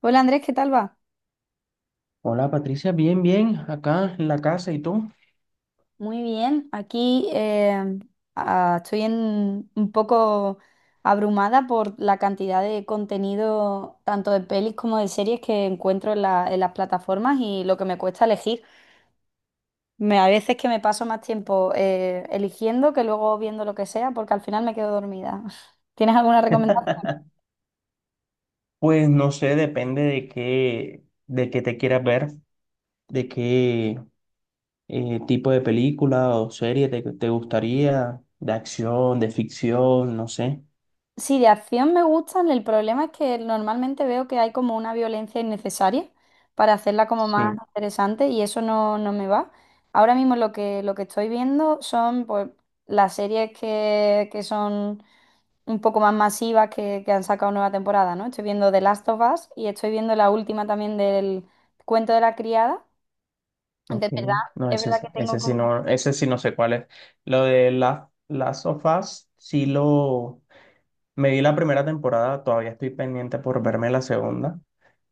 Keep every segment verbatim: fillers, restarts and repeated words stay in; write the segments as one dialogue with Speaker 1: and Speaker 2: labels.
Speaker 1: Hola Andrés, ¿qué tal va?
Speaker 2: Hola Patricia, bien, bien, acá en la casa, ¿y tú?
Speaker 1: Muy bien, aquí eh, ah, estoy en- un poco abrumada por la cantidad de contenido, tanto de pelis como de series que encuentro en, la- en las plataformas y lo que me cuesta elegir. Me, a veces que me paso más tiempo eh, eligiendo que luego viendo lo que sea porque al final me quedo dormida. ¿Tienes alguna recomendación?
Speaker 2: Pues no sé, depende de qué, de qué te quieras ver, de qué eh, tipo de película o serie te, te gustaría, de acción, de ficción, no sé.
Speaker 1: Sí, de acción me gustan. El problema es que normalmente veo que hay como una violencia innecesaria para hacerla como más
Speaker 2: Sí,
Speaker 1: interesante y eso no, no me va. Ahora mismo lo que, lo que estoy viendo son pues, las series que, que son un poco más masivas que, que han sacado nueva temporada, ¿no? Estoy viendo The Last of Us y estoy viendo la última también del Cuento de la Criada. De
Speaker 2: ok.
Speaker 1: verdad,
Speaker 2: No,
Speaker 1: es
Speaker 2: ese,
Speaker 1: verdad
Speaker 2: es-
Speaker 1: que tengo
Speaker 2: ese sí
Speaker 1: como...
Speaker 2: no, ese sí no sé cuál es. Lo de la, Last of Us, sí, lo, me vi la primera temporada, todavía estoy pendiente por verme la segunda.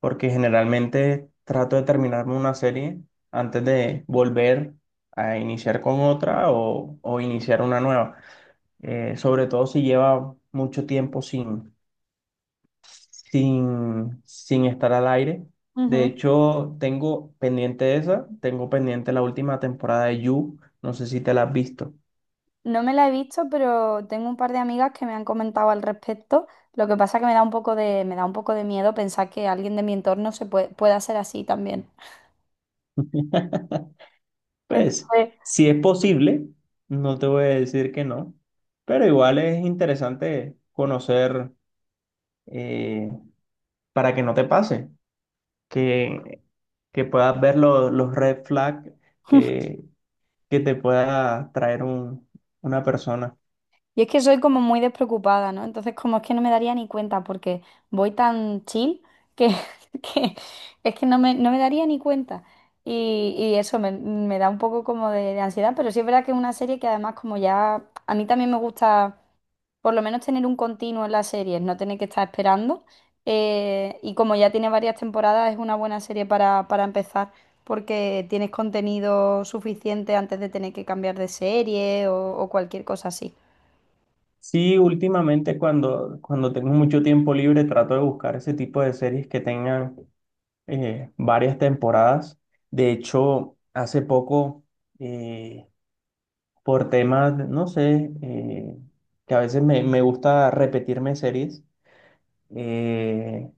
Speaker 2: Porque generalmente trato de terminarme una serie antes de volver a iniciar con otra o, o iniciar una nueva. Eh, sobre todo si lleva mucho tiempo sin, sin, sin estar al aire. De
Speaker 1: Ujú.
Speaker 2: hecho, tengo pendiente esa, tengo pendiente la última temporada de You, no sé si te la has visto.
Speaker 1: No me la he visto, pero tengo un par de amigas que me han comentado al respecto. Lo que pasa que me da un poco de, me da un poco de miedo pensar que alguien de mi entorno se puede, pueda ser así también.
Speaker 2: Pues,
Speaker 1: Entonces,
Speaker 2: si es posible, no te voy a decir que no, pero igual es interesante conocer eh, para que no te pase, que, que puedas ver lo- los red flags que, que te pueda traer un- una persona.
Speaker 1: y es que soy como muy despreocupada, ¿no? Entonces, como es que no me daría ni cuenta porque voy tan chill que, que es que no me, no me daría ni cuenta. Y, y eso me, me da un poco como de, de ansiedad, pero sí es verdad que es una serie que además como ya, a mí también me gusta por lo menos tener un continuo en las series, no tener que estar esperando. Eh, y como ya tiene varias temporadas, es una buena serie para, para empezar, porque tienes contenido suficiente antes de tener que cambiar de serie o, o cualquier cosa así.
Speaker 2: Sí, últimamente cuando, cuando tengo mucho tiempo libre trato de buscar ese tipo de series que tengan eh, varias temporadas. De hecho, hace poco, eh, por temas, no sé, eh, que a veces me, me gusta repetirme series, eh,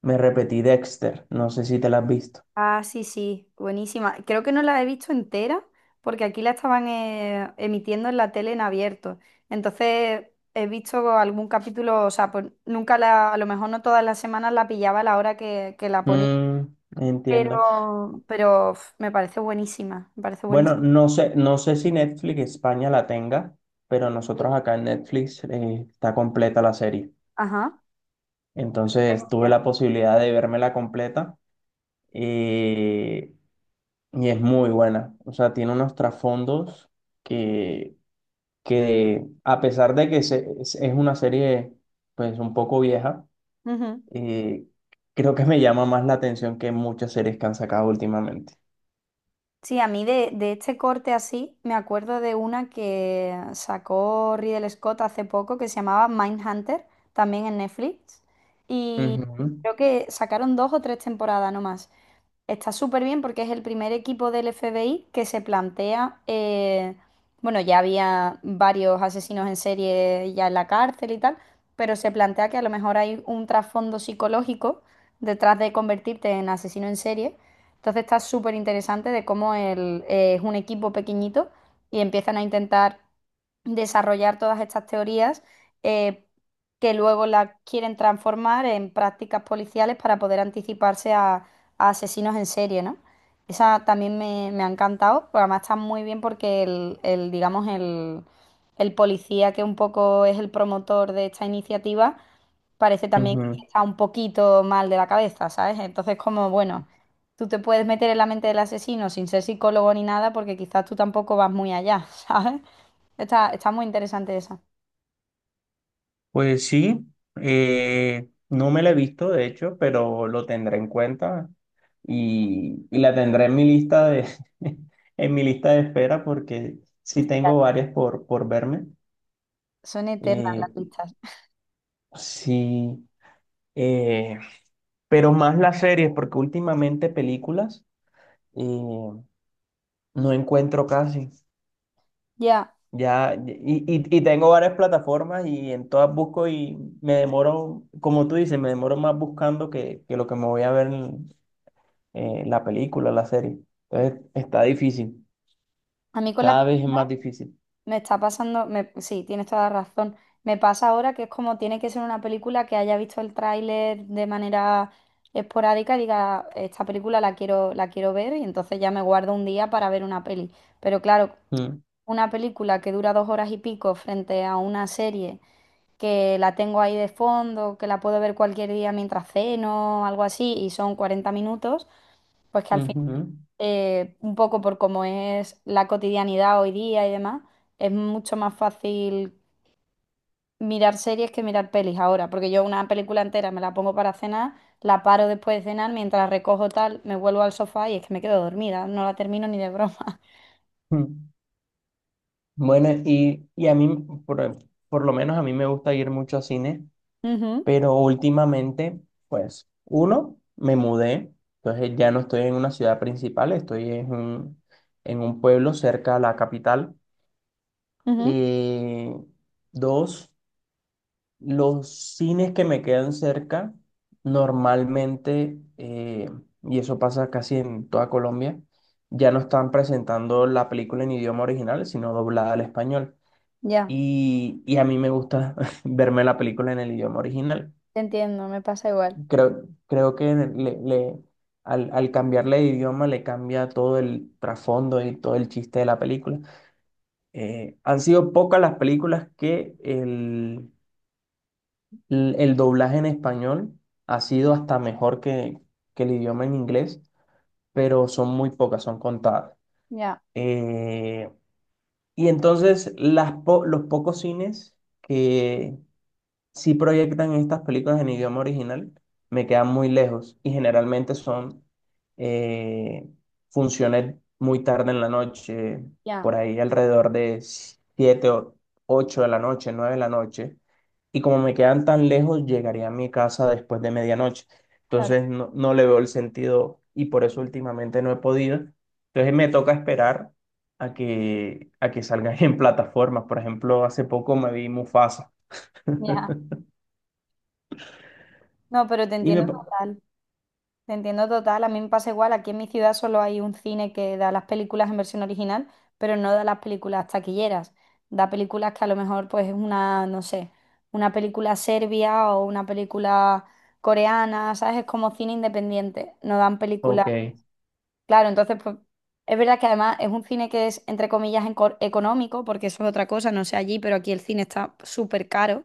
Speaker 2: me repetí Dexter, no sé si te la has visto.
Speaker 1: Ah, sí, sí, buenísima. Creo que no la he visto entera, porque aquí la estaban eh, emitiendo en la tele en abierto. Entonces he visto algún capítulo, o sea, pues nunca la, a lo mejor no todas las semanas la pillaba a la hora que, que la ponía.
Speaker 2: Mm, entiendo.
Speaker 1: Pero, pero uf, me parece buenísima, me parece
Speaker 2: Bueno,
Speaker 1: buenísima.
Speaker 2: no sé, no sé si Netflix España la tenga, pero nosotros acá en Netflix eh, está completa la serie.
Speaker 1: Ajá.
Speaker 2: Entonces tuve
Speaker 1: Gracias.
Speaker 2: la posibilidad de vérmela completa eh, y es muy buena. O sea, tiene unos trasfondos que, que a pesar de que se- es es una serie, pues, un poco vieja,
Speaker 1: Ujú.
Speaker 2: eh, creo que me llama más la atención que muchas series que han sacado últimamente.
Speaker 1: Sí, a mí de, de este corte así, me acuerdo de una que sacó Ridley Scott hace poco que se llamaba Mindhunter, también en Netflix. Y
Speaker 2: Ujú,
Speaker 1: creo que sacaron dos o tres temporadas nomás. Está súper bien porque es el primer equipo del F B I que se plantea, eh, bueno, ya había varios asesinos en serie ya en la cárcel y tal, pero se plantea que a lo mejor hay un trasfondo psicológico detrás de convertirte en asesino en serie. Entonces está súper interesante de cómo el, eh, es un equipo pequeñito y empiezan a intentar desarrollar todas estas teorías eh, que luego las quieren transformar en prácticas policiales para poder anticiparse a asesinos en serie, ¿no? Esa también me, me ha encantado, pero además está muy bien porque el, el, digamos, el, el policía que un poco es el promotor de esta iniciativa, parece también que
Speaker 2: ujú.
Speaker 1: está un poquito mal de la cabeza, ¿sabes? Entonces, como, bueno, tú te puedes meter en la mente del asesino sin ser psicólogo ni nada, porque quizás tú tampoco vas muy allá, ¿sabes? Está, está muy interesante esa.
Speaker 2: Pues sí, eh, no me la he visto de hecho, pero lo tendré en cuenta y, y la tendré en mi lista de en mi lista de espera porque sí tengo varias por, por verme.
Speaker 1: Son eternas
Speaker 2: Eh,
Speaker 1: las listas.
Speaker 2: sí, eh, pero más las series porque últimamente películas eh, no encuentro casi.
Speaker 1: Ya,
Speaker 2: Ya, y, y, y tengo varias plataformas y en todas busco y me demoro, como tú dices, me demoro más buscando que, que lo que me voy a ver eh, la película, la serie. Entonces está difícil,
Speaker 1: a mí con la...
Speaker 2: cada vez es más difícil.
Speaker 1: Me está pasando, me- sí, tienes toda la razón. Me pasa ahora que es como tiene que ser una película que haya visto el tráiler de manera esporádica y diga, esta película la quiero, la quiero ver y entonces ya me guardo un día para ver una peli. Pero claro,
Speaker 2: Mm,
Speaker 1: una película que dura dos horas y pico frente a una serie que la tengo ahí de fondo, que la puedo ver cualquier día mientras ceno, algo así, y son cuarenta minutos, pues que al
Speaker 2: ujú,
Speaker 1: eh, un poco por cómo es la cotidianidad hoy día y demás, es mucho más fácil mirar series que mirar pelis ahora, porque yo una película entera me la pongo para cenar, la paro después de cenar, mientras recojo tal, me vuelvo al sofá y es que me quedo dormida, no la termino ni de broma.
Speaker 2: mm. Bueno, y, y a mí, por, por lo menos a mí me gusta ir mucho a cine,
Speaker 1: Ujú,
Speaker 2: pero últimamente, pues, uno, me mudé, entonces ya no estoy en una ciudad principal, estoy en un, en un pueblo cerca a la capital.
Speaker 1: ujú,
Speaker 2: Eh, Dos, Los cines que me quedan cerca, normalmente, eh, y eso pasa casi en toda Colombia, ya no están presentando la película en idioma original, sino doblada al español.
Speaker 1: ya,
Speaker 2: Y, y a mí me gusta verme la película en el idioma original.
Speaker 1: te entiendo, me pasa igual.
Speaker 2: Creo, creo que le, le- al, al cambiarle de idioma le cambia todo el trasfondo y todo el chiste de la película. Eh, han sido pocas las películas que el l- El doblaje en español ha sido hasta mejor que, que el idioma en inglés, pero son muy pocas, son contadas.
Speaker 1: Ya,
Speaker 2: Eh, y entonces las po- los pocos cines que, si proyectan estas películas en idioma original, me quedan muy lejos y generalmente son eh, funciones muy tarde en la noche,
Speaker 1: ya,
Speaker 2: por ahí alrededor de siete o ocho de la noche, nueve de la noche. Y como me quedan tan lejos, llegaría a mi casa después de medianoche.
Speaker 1: claro,
Speaker 2: Entonces no, no le veo el sentido y por eso últimamente no he podido. Entonces me toca esperar a que, a que salgan en plataformas. Por ejemplo, hace poco me vi Mufasa.
Speaker 1: ya. No, pero te
Speaker 2: Y me,
Speaker 1: entiendo total. Te entiendo total, a mí me pasa igual, aquí en mi ciudad solo hay un cine que da las películas en versión original, pero no da las películas taquilleras, da películas que a lo mejor pues es una, no sé, una película serbia o una película coreana, ¿sabes? Es como cine independiente, no dan películas,
Speaker 2: Ok,
Speaker 1: claro, entonces pues es verdad que además es un cine que es entre comillas enco- económico, porque eso es otra cosa, no sé allí, pero aquí el cine está súper caro.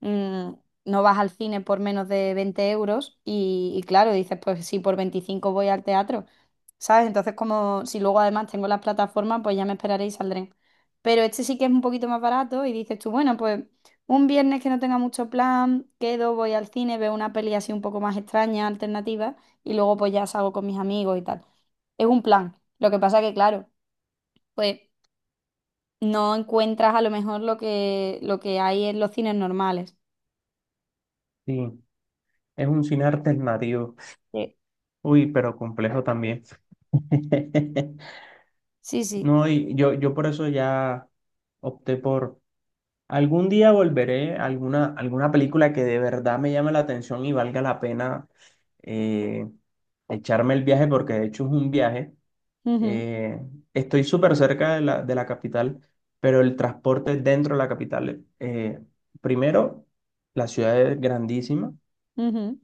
Speaker 1: Mm, no vas al cine por menos de veinte euros y, y claro, dices, pues sí, por veinticinco voy al teatro, ¿sabes? Entonces, como si luego además tengo las plataformas, pues ya me esperaré y saldré. Pero este sí que es un poquito más barato y dices tú, bueno, pues un viernes que no tenga mucho plan, quedo, voy al cine, veo una peli así un poco más extraña, alternativa, y luego pues ya salgo con mis amigos y tal. Es un plan. Lo que pasa que, claro, pues no encuentras a lo mejor lo que, lo que hay en los cines normales.
Speaker 2: sí, es un cine alternativo.
Speaker 1: Sí,
Speaker 2: Uy, pero complejo también.
Speaker 1: sí. Sí.
Speaker 2: No, y yo, yo, por eso ya opté por algún día volveré a alguna, alguna película que de verdad me llame la atención y valga la pena eh, echarme el viaje, porque de hecho es un viaje.
Speaker 1: Ujú,
Speaker 2: Eh, Estoy súper cerca de la, de la capital, pero el transporte dentro de la capital, eh, primero, la ciudad es grandísima.
Speaker 1: ujú,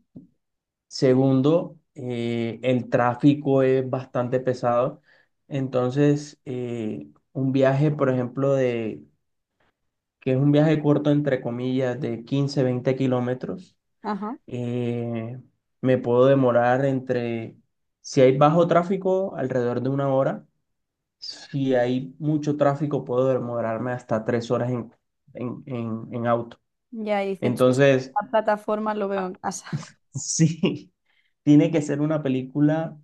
Speaker 2: Segundo, eh, el tráfico es bastante pesado. Entonces, eh, un viaje, por ejemplo, de, que es un viaje corto, entre comillas, de quince veinte kilómetros,
Speaker 1: ajá.
Speaker 2: eh, me puedo demorar entre, si hay bajo tráfico, alrededor de una hora. Si hay mucho tráfico, puedo demorarme hasta tres horas en, en, en en auto.
Speaker 1: Ya y dices, "Chus,
Speaker 2: Entonces,
Speaker 1: la plataforma lo veo
Speaker 2: a-
Speaker 1: en casa".
Speaker 2: sí, tiene que ser una película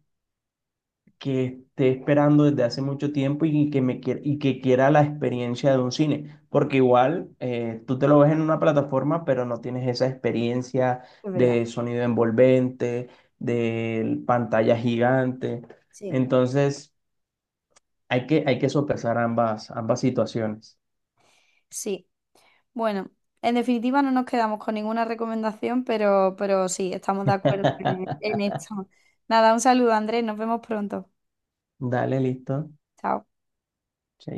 Speaker 2: que esté esperando desde hace mucho tiempo y que me quiera, y que quiera la experiencia de un cine, porque igual eh, tú te lo ves en una plataforma, pero no tienes esa experiencia
Speaker 1: Es verdad,
Speaker 2: de sonido envolvente, de pantalla gigante.
Speaker 1: sí.
Speaker 2: Entonces, hay que, hay que sopesar ambas, ambas situaciones.
Speaker 1: Sí. Bueno, en definitiva no nos quedamos con ninguna recomendación, pero, pero sí, estamos de acuerdo en, en esto. Nada, un saludo, Andrés. Nos vemos pronto.
Speaker 2: Dale, listo.
Speaker 1: Chao.
Speaker 2: Chaito.